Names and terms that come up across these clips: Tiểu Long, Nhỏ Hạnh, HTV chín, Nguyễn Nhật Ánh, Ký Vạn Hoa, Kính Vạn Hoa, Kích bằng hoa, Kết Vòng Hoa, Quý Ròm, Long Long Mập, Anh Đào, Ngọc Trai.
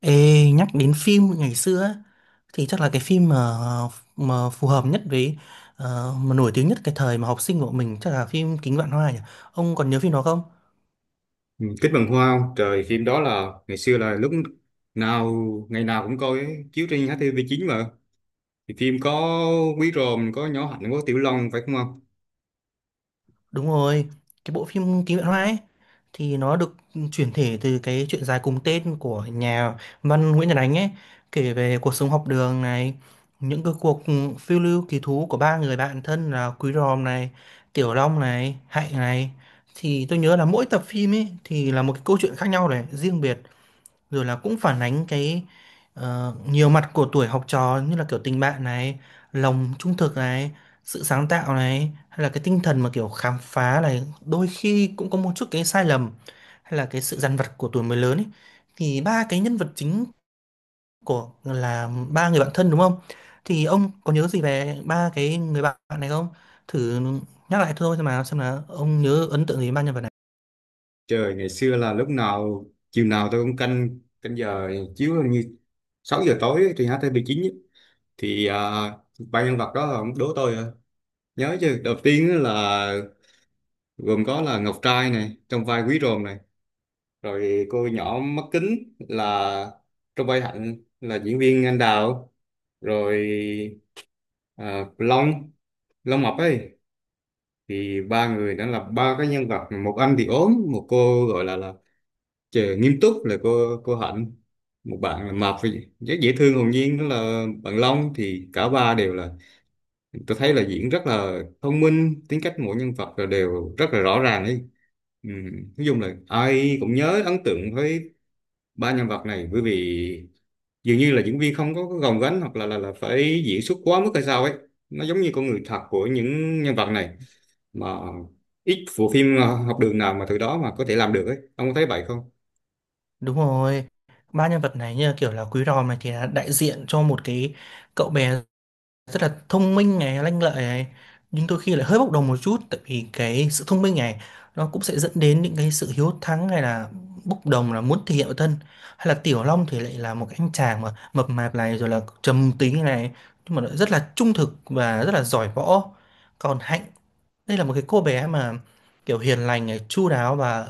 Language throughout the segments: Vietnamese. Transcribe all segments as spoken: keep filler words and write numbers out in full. Ê, nhắc đến phim ngày xưa á, thì chắc là cái phim mà mà phù hợp nhất với ờ, mà nổi tiếng nhất cái thời mà học sinh của mình chắc là phim Kính Vạn Hoa nhỉ. Ông còn nhớ phim đó không? Ừ, Kích bằng hoa không? Trời, phim đó là ngày xưa, là lúc nào ngày nào cũng coi ấy, chiếu trên hát tê vê chín mà. Thì phim có Quý Ròm, có Nhỏ Hạnh, có Tiểu Long phải không không? Đúng rồi, cái bộ phim Ký Vạn Hoa ấy thì nó được chuyển thể từ cái truyện dài cùng tên của nhà văn Nguyễn Nhật Ánh ấy, kể về cuộc sống học đường này, những cái cuộc phiêu lưu kỳ thú của ba người bạn thân là Quý Ròm này, Tiểu Long này, Hạnh này. Thì tôi nhớ là mỗi tập phim ấy thì là một cái câu chuyện khác nhau này, riêng biệt rồi là cũng phản ánh cái ờ, nhiều mặt của tuổi học trò như là kiểu tình bạn này, lòng trung thực này, sự sáng tạo này hay là cái tinh thần mà kiểu khám phá này, đôi khi cũng có một chút cái sai lầm hay là cái sự dằn vặt của tuổi mới lớn ấy. Thì ba cái nhân vật chính của là ba người bạn thân đúng không? Thì ông có nhớ gì về ba cái người bạn này không? Thử nhắc lại thôi xem nào xem là ông nhớ ấn tượng gì về ba nhân vật này. Trời, ngày xưa là lúc nào chiều nào tôi cũng canh canh giờ chiếu, hình như sáu giờ tối ấy, trên hát tê vê chín ấy. Thì à, ba nhân vật đó là ông đố tôi à. Nhớ chứ, đầu tiên á là gồm có là Ngọc Trai này trong vai Quý Ròm này, rồi cô nhỏ mắt kính là trong vai Hạnh, là diễn viên Anh Đào, rồi à, Long Long Mập ấy, thì ba người đã là ba cái nhân vật, một anh thì ốm, một cô gọi là là trời, nghiêm túc là cô cô Hạnh, một bạn là mập thì rất dễ thương hồn nhiên, đó là bạn Long, thì cả ba đều là tôi thấy là diễn rất là thông minh, tính cách mỗi nhân vật là đều rất là rõ ràng ấy, ừ. Nói chung là ai cũng nhớ ấn tượng với ba nhân vật này, bởi vì dường như là diễn viên không có, có gồng gánh hoặc là là là phải diễn xuất quá mức hay sao ấy, nó giống như con người thật của những nhân vật này, mà ít bộ phim ờ, học đường nào mà từ đó mà có thể làm được ấy, ông có thấy vậy không? Đúng rồi, ba nhân vật này như là kiểu là Quý Ròm này thì là đại diện cho một cái cậu bé rất là thông minh này, lanh lợi này, nhưng đôi khi lại hơi bốc đồng một chút tại vì cái sự thông minh này nó cũng sẽ dẫn đến những cái sự hiếu thắng hay là bốc đồng là muốn thể hiện bản thân. Hay là Tiểu Long thì lại là một cái anh chàng mà mập mạp này rồi là trầm tính này, nhưng mà lại rất là trung thực và rất là giỏi võ. Còn Hạnh đây là một cái cô bé mà kiểu hiền lành này, chu đáo và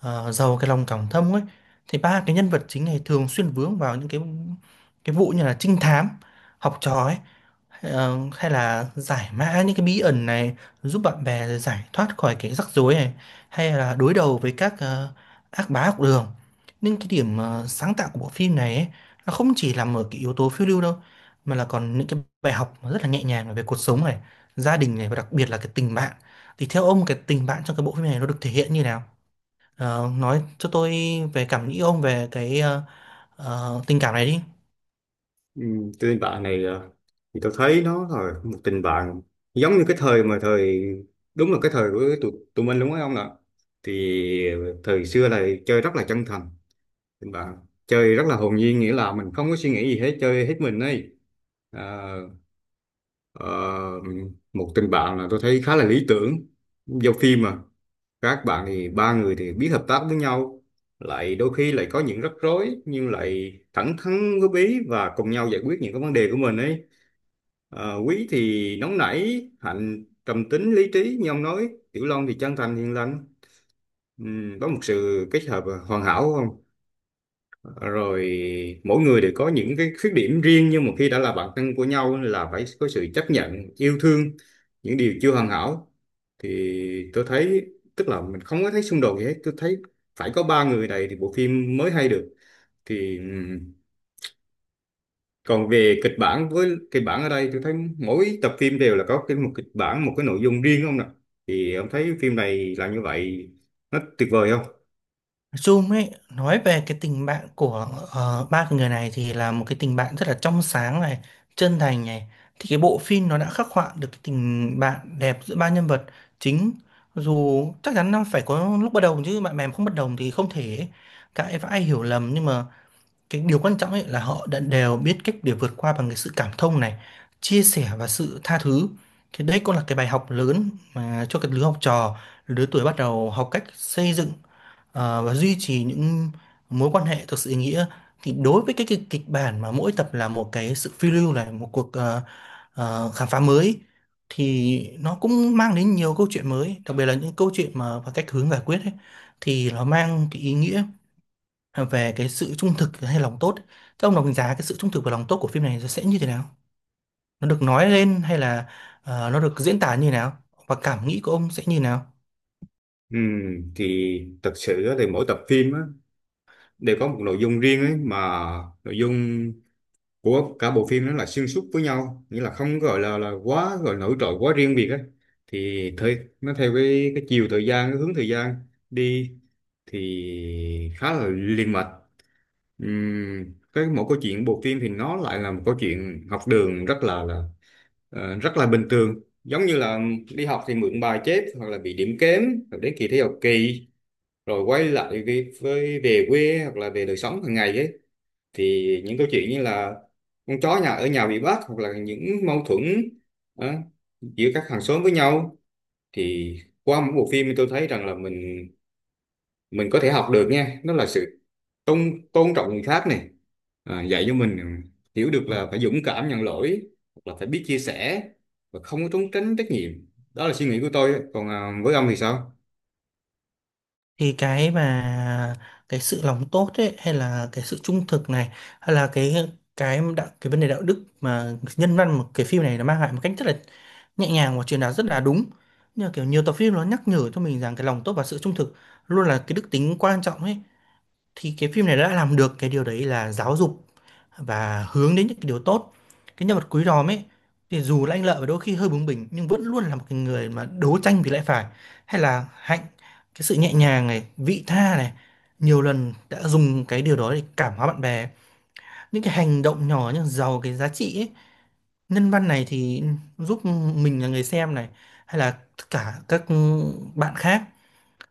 ờ, giàu cái lòng cảm thông ấy, thì ba cái nhân vật chính này thường xuyên vướng vào những cái cái vụ như là trinh thám học trò ấy. Ờ, hay là giải mã những cái bí ẩn này, giúp bạn bè giải thoát khỏi cái rắc rối này, hay là đối đầu với các ờ, ác bá học đường. Nhưng cái điểm ờ, sáng tạo của bộ phim này ấy, nó không chỉ nằm ở cái yếu tố phiêu lưu đâu, mà là còn những cái bài học mà rất là nhẹ nhàng về cuộc sống này, gia đình này và đặc biệt là cái tình bạn. Thì theo ông cái tình bạn trong cái bộ phim này nó được thể hiện như nào? Ờ, nói cho tôi về cảm nghĩ ông về cái ờ, ờ, tình cảm này đi. Ừ, tình bạn này ờ, thì tôi thấy nó là một tình bạn giống như cái thời mà thời, đúng là cái thời của tụi, tụi mình đúng không ạ? Thì thời xưa là chơi rất là chân thành, tình bạn chơi rất là hồn nhiên, nghĩa là mình không có suy nghĩ gì hết, chơi hết mình ấy. à, Ờ, Một tình bạn là tôi thấy khá là lý tưởng, giao phim mà, các bạn thì ba người thì biết hợp tác với nhau, lại đôi khi lại có những rắc rối nhưng lại thẳng thắn góp ý và cùng nhau giải quyết những cái vấn đề của mình ấy. Ờ, Quý thì nóng nảy, Hạnh trầm tính lý trí như ông nói, Tiểu Long thì chân thành hiền lành. Ừm, có một sự kết hợp hoàn hảo không, rồi mỗi người đều có những cái khuyết điểm riêng, nhưng mà khi đã là bạn thân của nhau là phải có sự chấp nhận yêu thương những điều chưa hoàn hảo. Thì tôi thấy, tức là mình không có thấy xung đột gì hết, tôi thấy phải có ba người này thì bộ phim mới hay được. Thì ừm, còn về kịch bản, với kịch bản ở đây tôi thấy mỗi tập phim đều là có cái một kịch bản, một cái nội dung riêng không nè, thì ông thấy phim này là như vậy nó tuyệt vời không? Zoom ấy nói về cái tình bạn của ờ, ba cái người này thì là một cái tình bạn rất là trong sáng này, chân thành này. Thì cái bộ phim nó đã khắc họa được cái tình bạn đẹp giữa ba nhân vật chính. Dù chắc chắn nó phải có lúc bất đồng, chứ bạn bè mà không bất đồng thì không thể cãi vã hiểu lầm, nhưng mà cái điều quan trọng ấy là họ đã đều biết cách để vượt qua bằng cái sự cảm thông này, chia sẻ và sự tha thứ. Thì đấy cũng là cái bài học lớn mà cho cái lứa học trò, lứa tuổi bắt đầu học cách xây dựng ờ, và duy trì những mối quan hệ thực sự ý nghĩa. Thì đối với cái kịch, kịch bản mà mỗi tập là một cái sự phiêu lưu này, một cuộc ờ, ờ, khám phá mới, thì nó cũng mang đến nhiều câu chuyện mới, đặc biệt là những câu chuyện mà và cách hướng giải quyết ấy, thì nó mang cái ý nghĩa về cái sự trung thực hay lòng tốt. Thế ông đánh giá cái sự trung thực và lòng tốt của phim này sẽ như thế nào? Nó được nói lên hay là ờ, nó được diễn tả như thế nào? Và cảm nghĩ của ông sẽ như thế nào? Ừm, thì thật sự á, thì mỗi tập phim á, đều có một nội dung riêng ấy, mà nội dung của cả bộ phim nó là xuyên suốt với nhau, nghĩa là không gọi là là quá gọi nổi trội quá riêng biệt ấy, thì thời nó theo cái cái chiều thời gian, cái hướng thời gian đi thì khá là liền mạch. Ừm, cái mỗi câu chuyện bộ phim thì nó lại là một câu chuyện học đường rất là là ờ, rất là bình thường, giống như là đi học thì mượn bài chép hoặc là bị điểm kém, hoặc đến kỳ thi học kỳ, rồi quay lại cái với về quê hoặc là về đời sống hàng ngày ấy, thì những câu chuyện như là con chó nhà ở nhà bị bắt, hoặc là những mâu thuẫn ờ, giữa các hàng xóm với nhau. Thì qua mỗi bộ phim tôi thấy rằng là mình mình có thể học được nha, đó là sự tôn tôn trọng người khác này, à, dạy cho mình hiểu được là phải dũng cảm nhận lỗi hoặc là phải biết chia sẻ và không có trốn tránh trách nhiệm. Đó là suy nghĩ của tôi, còn à, với ông thì sao? Thì cái mà cái sự lòng tốt ấy hay là cái sự trung thực này, hay là cái cái đạo cái vấn đề đạo đức mà nhân văn mà cái phim này nó mang lại một cách rất là nhẹ nhàng và truyền đạt rất là đúng. Nhưng mà kiểu nhiều tập phim nó nhắc nhở cho mình rằng cái lòng tốt và sự trung thực luôn là cái đức tính quan trọng ấy. Thì cái phim này đã làm được cái điều đấy là giáo dục và hướng đến những cái điều tốt. Cái nhân vật Quý Ròm ấy, thì dù là anh Lợi và đôi khi hơi bướng bỉnh nhưng vẫn luôn là một cái người mà đấu tranh vì lẽ phải. Hay là Hạnh, cái sự nhẹ nhàng này, vị tha này, nhiều lần đã dùng cái điều đó để cảm hóa bạn bè, những cái hành động nhỏ nhưng giàu cái giá trị ấy. Nhân văn này thì giúp mình là người xem này, hay là tất cả các bạn khác,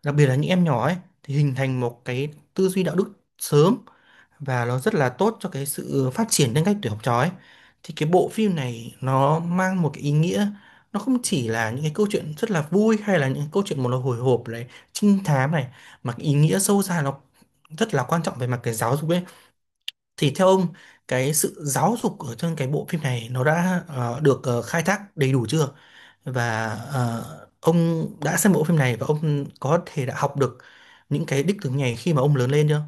đặc biệt là những em nhỏ ấy, thì hình thành một cái tư duy đạo đức sớm và nó rất là tốt cho cái sự phát triển nhân cách tuổi học trò ấy. Thì cái bộ phim này nó mang một cái ý nghĩa, nó không chỉ là những cái câu chuyện rất là vui hay là những cái câu chuyện một là hồi hộp này, trinh thám này, mà cái ý nghĩa sâu xa nó rất là quan trọng về mặt cái giáo dục ấy. Thì theo ông, cái sự giáo dục ở trong cái bộ phim này nó đã ờ, được ờ, khai thác đầy đủ chưa? Và ờ, ông đã xem bộ phim này và ông có thể đã học được những cái đích tướng này khi mà ông lớn lên chưa?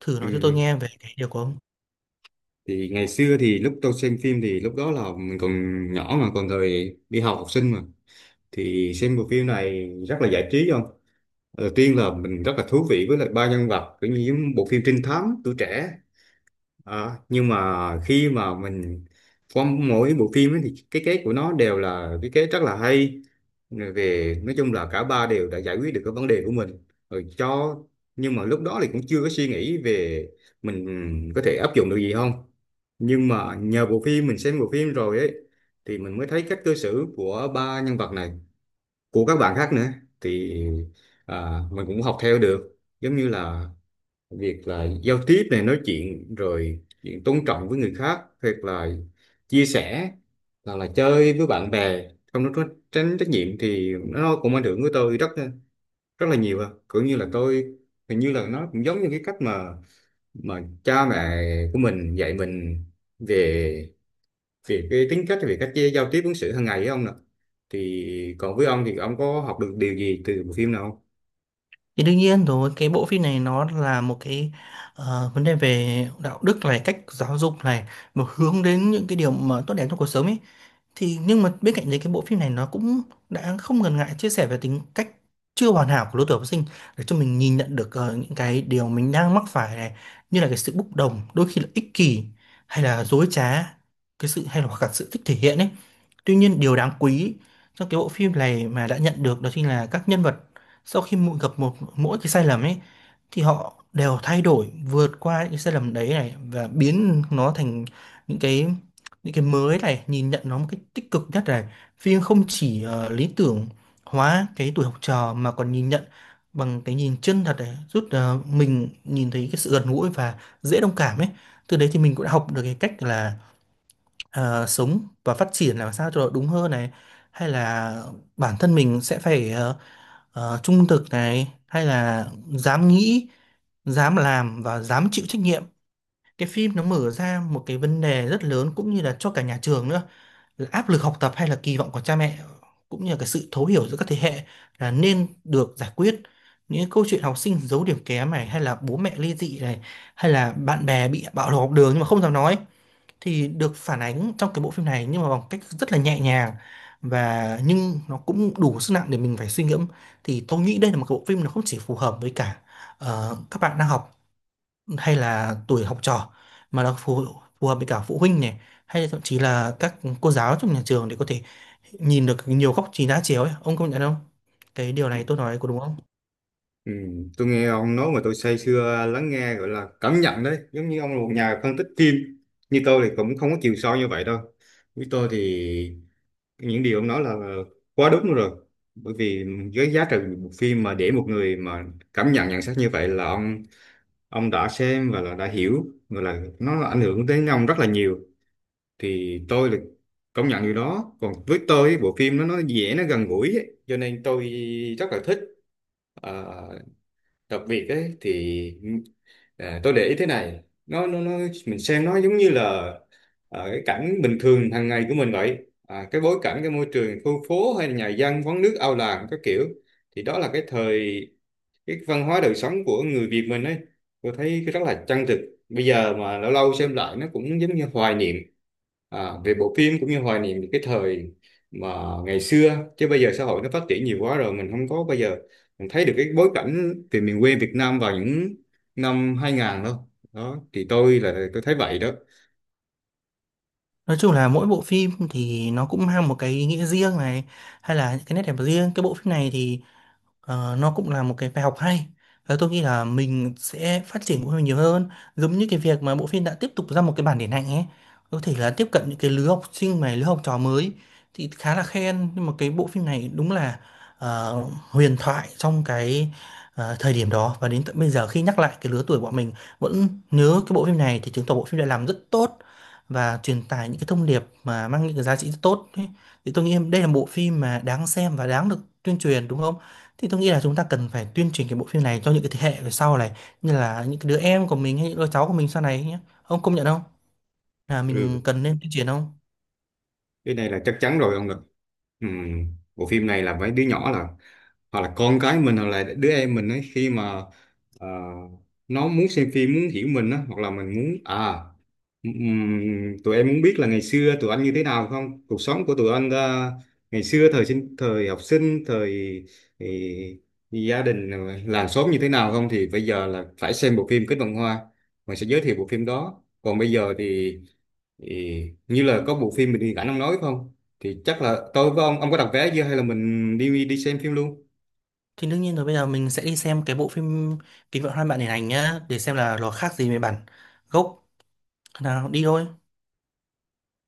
Thử Ừ, nói cho tôi nghe về cái điều của ông. thì ngày xưa thì lúc tôi xem phim thì lúc đó là mình còn nhỏ, mà còn thời đi học học sinh mà, thì xem bộ phim này rất là giải trí không, đầu tiên là mình rất là thú vị với lại ba nhân vật, kiểu như những bộ phim trinh thám tuổi trẻ. Ờ, nhưng mà khi mà mình qua mỗi bộ phim ấy, thì cái kết của nó đều là cái kết rất là hay. Rồi về nói chung là cả ba đều đã giải quyết được cái vấn đề của mình rồi cho, nhưng mà lúc đó thì cũng chưa có suy nghĩ về mình, ừ, có thể áp dụng được gì không. Nhưng mà nhờ bộ phim, mình xem bộ phim rồi ấy, thì mình mới thấy cách cư xử của ba nhân vật này, của các bạn khác nữa, thì à, mình cũng học theo được, giống như là việc là giao tiếp này, nói chuyện, rồi chuyện tôn trọng với người khác, hoặc là chia sẻ, hoặc là chơi với bạn bè không nó có tránh trách nhiệm, thì nó cũng ảnh hưởng với tôi rất rất là nhiều à. Cũng như là tôi hình như là nó cũng giống như cái cách mà mà cha mẹ của mình dạy mình về, về cái tính cách, về cách giao tiếp ứng xử hàng ngày ấy ông nè, thì còn với ông thì ông có học được điều gì từ bộ phim nào không? Thì đương nhiên rồi, cái bộ phim này nó là một cái ờ, vấn đề về đạo đức này, cách giáo dục này, một hướng đến những cái điều mà tốt đẹp trong cuộc sống ấy. Thì nhưng mà bên cạnh đấy cái bộ phim này nó cũng đã không ngần ngại chia sẻ về tính cách chưa hoàn hảo của lứa tuổi học sinh, để cho mình nhìn nhận được ờ, những cái điều mình đang mắc phải này, như là cái sự bốc đồng, đôi khi là ích kỷ hay là dối trá, cái sự hay là hoặc là sự thích thể hiện ấy. Tuy nhiên điều đáng quý trong cái bộ phim này mà đã nhận được đó chính là các nhân vật sau khi mỗi- gặp một mỗi cái sai lầm ấy, thì họ đều thay đổi vượt qua những cái sai lầm đấy này và biến nó thành những cái những cái mới này, nhìn nhận nó một cách tích cực nhất này. Phim không chỉ ờ, lý tưởng hóa cái tuổi học trò mà còn nhìn nhận bằng cái nhìn chân thật này, giúp ờ, mình nhìn thấy cái sự gần gũi và dễ đồng cảm ấy. Từ đấy thì mình cũng đã học được cái cách là ờ, sống và phát triển làm sao cho nó đúng hơn này, hay là bản thân mình sẽ phải ờ, ờ, trung thực này, hay là dám nghĩ, dám làm và dám chịu trách nhiệm. Cái phim nó mở ra một cái vấn đề rất lớn cũng như là cho cả nhà trường nữa, là áp lực học tập hay là kỳ vọng của cha mẹ, cũng như là cái sự thấu hiểu giữa các thế hệ là nên được giải quyết. Những câu chuyện học sinh giấu điểm kém này, hay là bố mẹ ly dị này, hay là bạn bè bị bạo lực học đường nhưng mà không dám nói, thì được phản ánh trong cái bộ phim này nhưng mà bằng cách rất là nhẹ nhàng và nhưng nó cũng đủ sức nặng để mình phải suy ngẫm. Thì tôi nghĩ đây là một cái bộ phim nó không chỉ phù hợp với cả ờ, các bạn đang học hay là tuổi học trò, mà nó phù phù hợp với cả phụ huynh này, hay là thậm chí là các cô giáo trong nhà trường để có thể nhìn được nhiều góc nhìn đa chiều ấy. Ông công nhận không? Cái điều này tôi nói có đúng không? Ừ, tôi nghe ông nói mà tôi say sưa lắng nghe, gọi là cảm nhận đấy, giống như ông là một nhà phân tích phim, như tôi thì cũng không có chiều sâu như vậy đâu. Với tôi thì những điều ông nói là quá đúng rồi, bởi vì với giá trị một phim mà để một người mà cảm nhận nhận xét như vậy, là ông ông đã xem và là đã hiểu, gọi là nó ảnh hưởng đến ông rất là nhiều, thì tôi là công nhận điều đó. Còn với tôi ấy, bộ phim nó nó dễ, nó gần gũi ấy, cho nên tôi rất là thích. Ờ, Đặc biệt ấy thì à, tôi để ý thế này, nó nó nó mình xem nó giống như là à, cái cảnh bình thường hàng ngày của mình vậy, à, cái bối cảnh, cái môi trường khu phố hay là nhà dân, quán nước, ao làng các kiểu, thì đó là cái thời, cái văn hóa đời sống của người Việt mình ấy, tôi thấy cái rất là chân thực. Bây giờ mà lâu lâu xem lại nó cũng giống như hoài niệm, à, về bộ phim, cũng như hoài niệm những cái thời mà ngày xưa, chứ bây giờ xã hội nó phát triển nhiều quá rồi mình không có. Bây giờ mình thấy được cái bối cảnh về miền quê Việt Nam vào những năm hai nghìn đâu đó, thì tôi là tôi thấy vậy đó. Nói chung là mỗi bộ phim thì nó cũng mang một cái ý nghĩa riêng này, hay là những cái nét đẹp riêng. Cái bộ phim này thì Ờ, nó cũng là một cái bài học hay, và tôi nghĩ là mình sẽ phát triển bộ phim nhiều hơn, giống như cái việc mà bộ phim đã tiếp tục ra một cái bản điện ảnh ấy, có thể là tiếp cận những cái lứa học sinh mà lứa học trò mới. Thì khá là khen, nhưng mà cái bộ phim này đúng là ờ, huyền thoại trong cái ờ, thời điểm đó, và đến tận bây giờ khi nhắc lại cái lứa tuổi bọn mình vẫn nhớ cái bộ phim này, thì chứng tỏ bộ phim đã làm rất tốt và truyền tải những cái thông điệp mà mang những cái giá trị rất tốt ấy. Thì tôi nghĩ đây là bộ phim mà đáng xem và đáng được tuyên truyền đúng không? Thì tôi nghĩ là chúng ta cần phải tuyên truyền cái bộ phim này cho những cái thế hệ về sau này, như là những cái đứa em của mình hay những đứa cháu của mình sau này nhé. Ông công nhận không? Là mình Ừ, cần nên tuyên truyền không? cái này là chắc chắn rồi ông ạ. Ừm, Bộ phim này là mấy đứa nhỏ là, hoặc là con cái mình, hoặc là đứa em mình ấy, khi mà Ờ, nó muốn xem phim, muốn hiểu mình á, hoặc là mình muốn à ừm, tụi em muốn biết là ngày xưa tụi anh như thế nào không, cuộc sống của tụi anh ờ, ngày xưa thời sinh thời học sinh thời thì, gia đình rồi làng xóm như thế nào không, thì bây giờ là phải xem bộ phim Kết Vòng Hoa, mình sẽ giới thiệu bộ phim đó. Còn bây giờ thì, thì như là có bộ phim mình đi ảnh ông nói không, thì chắc là tôi với ông ông có đặt vé chưa hay là mình đi đi xem phim luôn? Thì đương nhiên rồi, bây giờ mình sẽ đi xem cái bộ phim Kính Vạn Hoa bạn điện ảnh nhá, để xem là nó khác gì với bản gốc. Nào đi thôi.